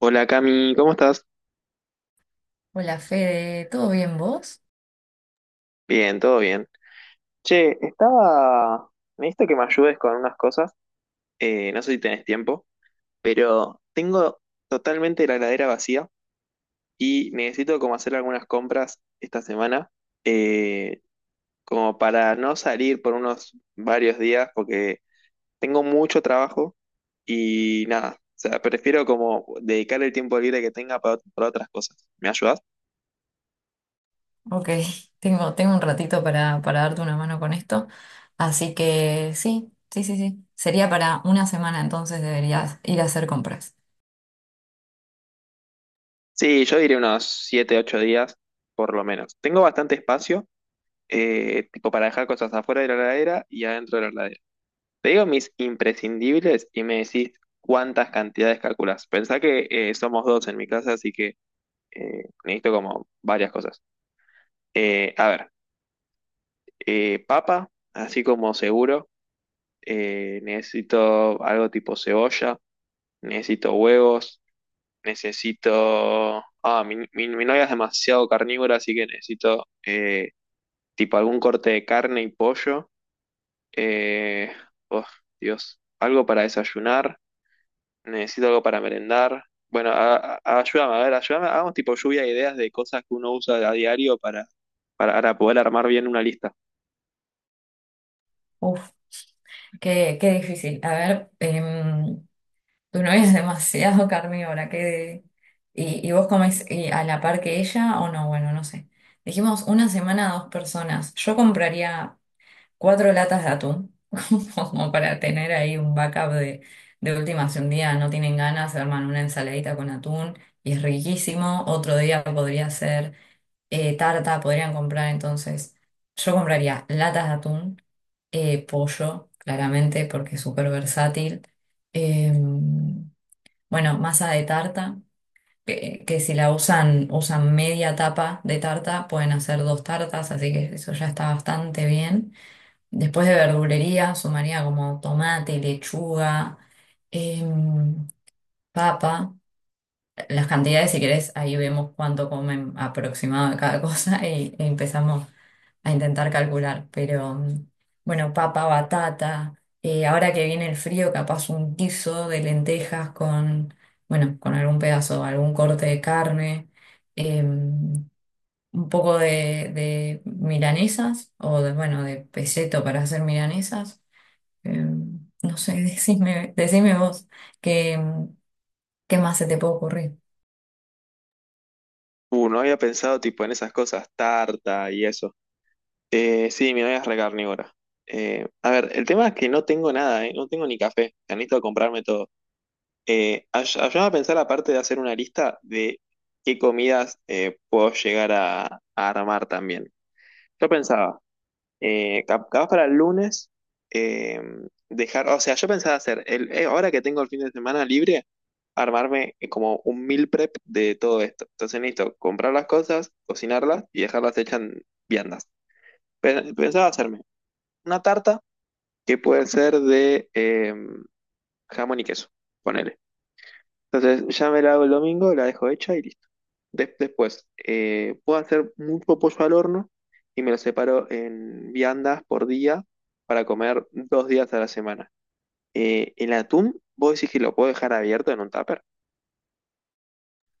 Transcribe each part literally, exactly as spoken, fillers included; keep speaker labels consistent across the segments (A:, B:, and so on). A: Hola Cami, ¿cómo estás?
B: Hola Fede, ¿todo bien vos?
A: Bien, todo bien. Che, estaba... Necesito que me ayudes con unas cosas. Eh, no sé si tenés tiempo, pero tengo totalmente la heladera vacía y necesito como hacer algunas compras esta semana, eh, como para no salir por unos varios días, porque tengo mucho trabajo y nada, o sea, prefiero como dedicar el tiempo libre que tenga para, para otras cosas. ¿Me ayudas?
B: Ok, tengo, tengo un ratito para, para darte una mano con esto. Así que sí, sí, sí, sí. Sería para una semana, entonces deberías ir a hacer compras.
A: Sí, yo diría unos siete, ocho días, por lo menos. Tengo bastante espacio, eh, tipo para dejar cosas afuera de la heladera y adentro de la heladera. Te digo mis imprescindibles y me decís cuántas cantidades calculás. Pensá que eh, somos dos en mi casa, así que eh, necesito como varias cosas. Eh, a ver, eh, papa, así como seguro. Eh, necesito algo tipo cebolla, necesito huevos, necesito... Ah, mi, mi, mi novia es demasiado carnívora, así que necesito... eh, tipo algún corte de carne y pollo. Eh, oh, Dios, algo para desayunar, necesito algo para merendar. Bueno, a- a- ayúdame, a ver, ayúdame, hagamos tipo lluvia de ideas de cosas que uno usa a diario para, para, para poder armar bien una lista.
B: Uf, qué, qué difícil. A ver, em, tu novia es demasiado carnívora, qué. ¿Y, y vos comés eh, a la par que ella o no? Bueno, no sé. Dijimos una semana a dos personas. Yo compraría cuatro latas de atún, como para tener ahí un backup de, de última, si un día no tienen ganas, se arman una ensaladita con atún y es riquísimo. Otro día podría ser eh, tarta, podrían comprar. Entonces, yo compraría latas de atún, eh, pollo, claramente, porque es súper versátil, eh, bueno, masa de tarta. Que, que si la usan, usan media tapa de tarta, pueden hacer dos tartas, así que eso ya está bastante bien. Después de verdulería, sumaría como tomate, lechuga, em, papa. Las cantidades, si querés, ahí vemos cuánto comen aproximado de cada cosa y, e empezamos a intentar calcular. Pero mm, bueno, papa, batata. Eh, ahora que viene el frío, capaz un guiso de lentejas con, bueno, con algún pedazo, algún corte de carne. em, un poco de, de milanesas o de, bueno, de peseto para hacer milanesas. eh, no sé, decime, decime vos qué, qué más se te puede ocurrir.
A: Uh, no había pensado tipo en esas cosas, tarta y eso. Eh, sí, mi novia es re carnívora. Eh, a ver, el tema es que no tengo nada, ¿eh? No tengo ni café, necesito comprarme todo. Eh, ay- ayúdame a pensar, aparte de hacer una lista de qué comidas eh, puedo llegar a, a armar también. Yo pensaba, eh, cap- capaz para el lunes, eh, dejar, o sea, yo pensaba hacer, el, eh, ahora que tengo el fin de semana libre, armarme eh, como un meal prep de todo esto. Entonces necesito comprar las cosas, cocinarlas y dejarlas hechas en viandas. Pe- Pensaba hacerme una tarta que puede ser de eh, jamón y queso, ponele. Entonces ya me la hago el domingo, la dejo hecha y listo. Des- después, eh, puedo hacer mucho pollo al horno y me lo separo en viandas por día para comer dos días a la semana. Eh, el atún, ¿vos decís que lo puedo dejar abierto en un tupper?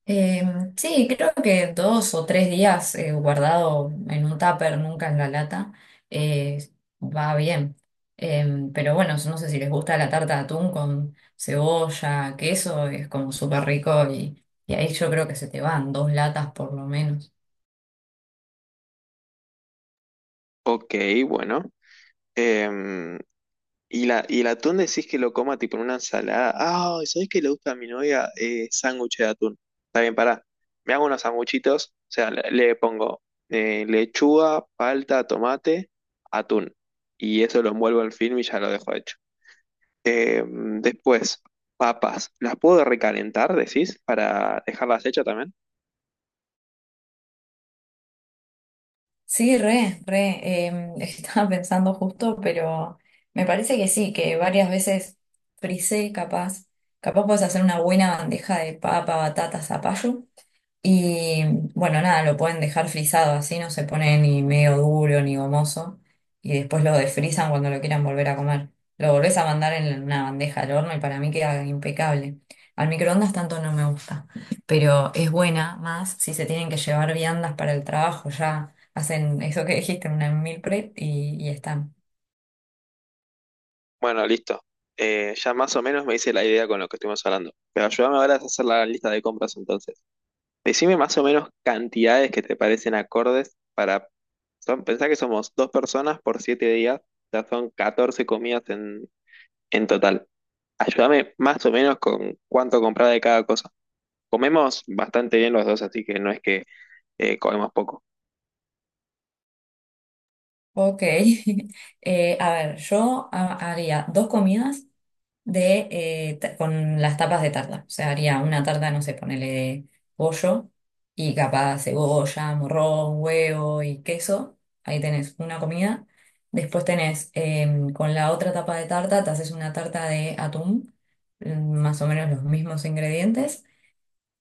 B: Eh, sí, creo que dos o tres días eh, guardado en un tupper, nunca en la lata, eh, va bien. Eh, pero bueno, no sé si les gusta la tarta de atún con cebolla, queso, es como súper rico y, y ahí yo creo que se te van dos latas por lo menos.
A: Ok, bueno. Em, Y, la, y el atún decís que lo coma tipo en una ensalada. Ah, ¿sabés que le gusta a mi novia? Eh, sándwich de atún. Está bien, pará. Me hago unos sanguchitos. O sea, le, le pongo eh, lechuga, palta, tomate, atún. Y eso lo envuelvo en film y ya lo dejo hecho. Eh, después, papas. ¿Las puedo recalentar, decís, para dejarlas hechas también?
B: Sí, re, re. Em, estaba pensando justo, pero me parece que sí, que varias veces frisé, capaz. Capaz puedes hacer una buena bandeja de papa, batata, zapallo. Y bueno, nada, lo pueden dejar frisado así, no se pone ni medio duro ni gomoso. Y después lo desfrizan cuando lo quieran volver a comer. Lo volvés a mandar en una bandeja al horno y para mí queda impecable. Al microondas tanto no me gusta, pero es buena más si se tienen que llevar viandas para el trabajo. Ya hacen eso que dijiste, una meal prep y, y están.
A: Bueno, listo. Eh, ya más o menos me hice la idea con lo que estuvimos hablando. Pero ayúdame ahora a hacer la lista de compras entonces. Decime más o menos cantidades que te parecen acordes para... Son, pensá que somos dos personas por siete días, ya son catorce comidas en, en total. Ayúdame más o menos con cuánto comprar de cada cosa. Comemos bastante bien los dos, así que no es que eh, comemos poco.
B: Ok. Eh, a ver, yo ha- haría dos comidas de, eh, ta- con las tapas de tarta. O sea, haría una tarta, no sé, ponele de pollo y capaz cebolla, morrón, huevo y queso. Ahí tenés una comida. Después tenés em, con la otra tapa de tarta, te haces una tarta de atún, mm, más o menos los mismos ingredientes.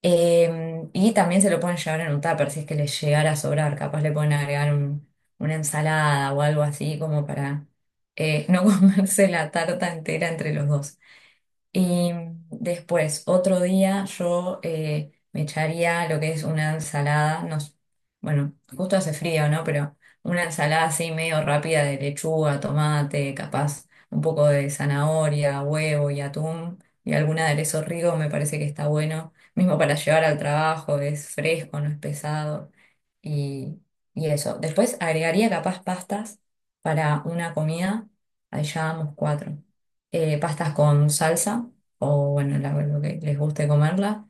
B: Em, y también se lo pueden llevar en un tupper si es que les llegara a sobrar. Capaz le pueden agregar un- una ensalada o algo así como para eh, no comerse la tarta entera entre los dos. Y después, otro día, yo eh, me echaría lo que es una ensalada, no, s- bueno, justo hace frío, ¿no? Pero una ensalada así medio rápida de lechuga, tomate, capaz un poco de zanahoria, huevo y atún y algún aderezo rico, me parece que está bueno. Mismo para llevar al trabajo, es fresco, no es pesado. Y, y eso. Después agregaría capaz pastas para una comida, ahí ya vamos cuatro eh, pastas con salsa o bueno, la- lo que les guste comerla.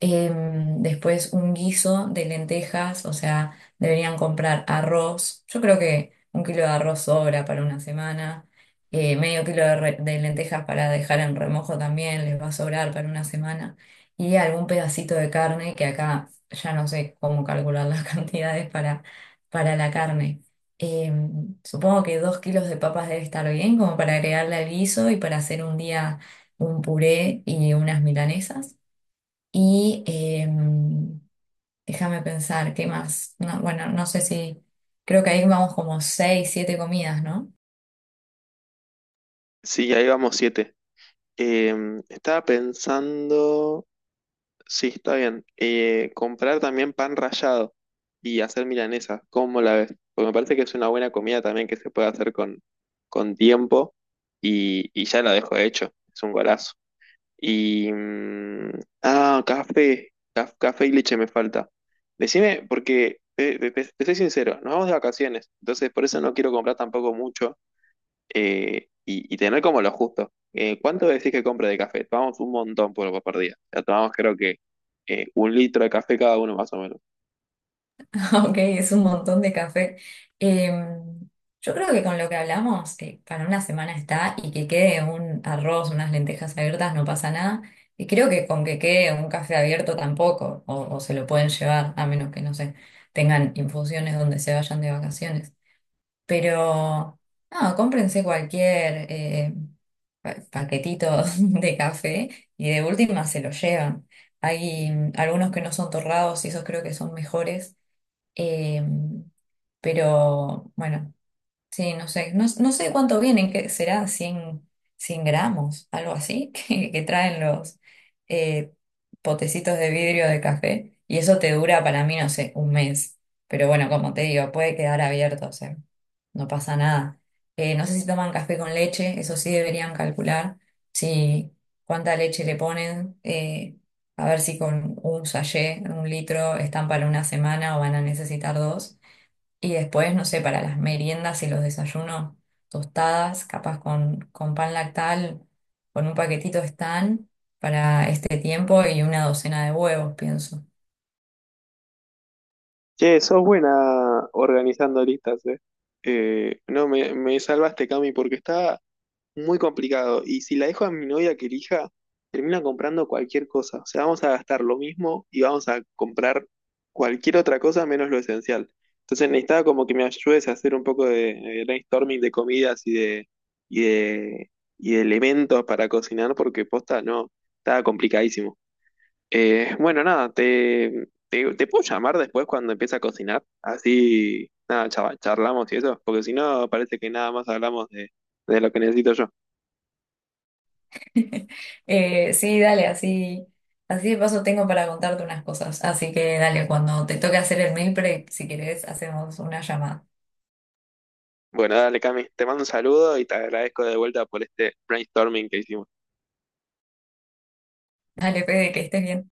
B: Em, después un guiso de lentejas, o sea, deberían comprar arroz. Yo creo que un kilo de arroz sobra para una semana. Eh, medio kilo de, re- de lentejas para dejar en remojo también les va a sobrar para una semana. Y algún pedacito de carne, que acá ya no sé cómo calcular las cantidades para, para la carne. Em, supongo que dos kilos de papas debe estar bien, como para agregarle al guiso y para hacer un día un puré y unas milanesas. Y em, déjame pensar, ¿qué más? No, bueno, no sé si, creo que ahí vamos como seis, siete comidas, ¿no?
A: Sí, ahí vamos siete. Em, estaba pensando... Sí, está bien. Eh, comprar también pan rallado y hacer milanesa. ¿Cómo la ves? Porque me parece que es una buena comida también que se puede hacer con, con tiempo y, y ya la dejo hecho. Es un golazo. Y... mm, ah, café. Caf- café y leche me falta. Decime, porque te, te- te- te soy sincero, nos vamos de vacaciones, entonces por eso no quiero comprar tampoco mucho eh, y, y tener como lo justo. Eh, ¿cuánto decís que compra de café? Tomamos un montón por, por día. O sea, tomamos creo que eh, un litro de café cada uno más o menos.
B: Ok, es un montón de café. Em, yo creo que con lo que hablamos, eh, para una semana está y que quede un arroz, unas lentejas abiertas, no pasa nada. Y creo que con que quede un café abierto tampoco, o, o se lo pueden llevar, a menos que, no sé, tengan infusiones donde se vayan de vacaciones. Pero, no, cómprense cualquier eh, pa- paquetito de café y de última se lo llevan. Hay mm, algunos que no son torrados y esos creo que son mejores. eh, pero, bueno. Sí, no sé, no, no sé cuánto vienen, que será cien cien gramos, algo así, que, que traen los eh, potecitos de vidrio de café. Y eso te dura para mí, no sé, un mes. Pero bueno, como te digo, puede quedar abierto, o sea, no pasa nada. Eh, no sé si toman café con leche, eso sí deberían calcular, si cuánta leche le ponen, eh, a ver si con un sachet, un litro, están para una semana o van a necesitar dos. Y después, no sé, para las meriendas y los desayunos, tostadas, capaz con, con pan lactal, con un paquetito están para este tiempo y una docena de huevos, pienso.
A: Che, sos buena organizando listas, eh. Eh, no, me, Me salvaste, Cami, porque estaba muy complicado. Y si la dejo a mi novia que elija, termina comprando cualquier cosa. O sea, vamos a gastar lo mismo y vamos a comprar cualquier otra cosa menos lo esencial. Entonces necesitaba como que me ayudes a hacer un poco de, de brainstorming de comidas y de, y de, y de elementos para cocinar, porque posta no, estaba complicadísimo. Eh, bueno, nada, te, te, te puedo llamar después cuando empiece a cocinar. Así, nada, chava- charlamos y eso, porque si no, parece que nada más hablamos de de lo que necesito yo.
B: Eh, sí, dale, así, así de paso tengo para contarte unas cosas. Así que dale, cuando te toque hacer el meal prep, si querés, hacemos una llamada.
A: Bueno, dale, Cami, te mando un saludo y te agradezco de vuelta por este brainstorming que hicimos.
B: Dale, Fede, que estés bien.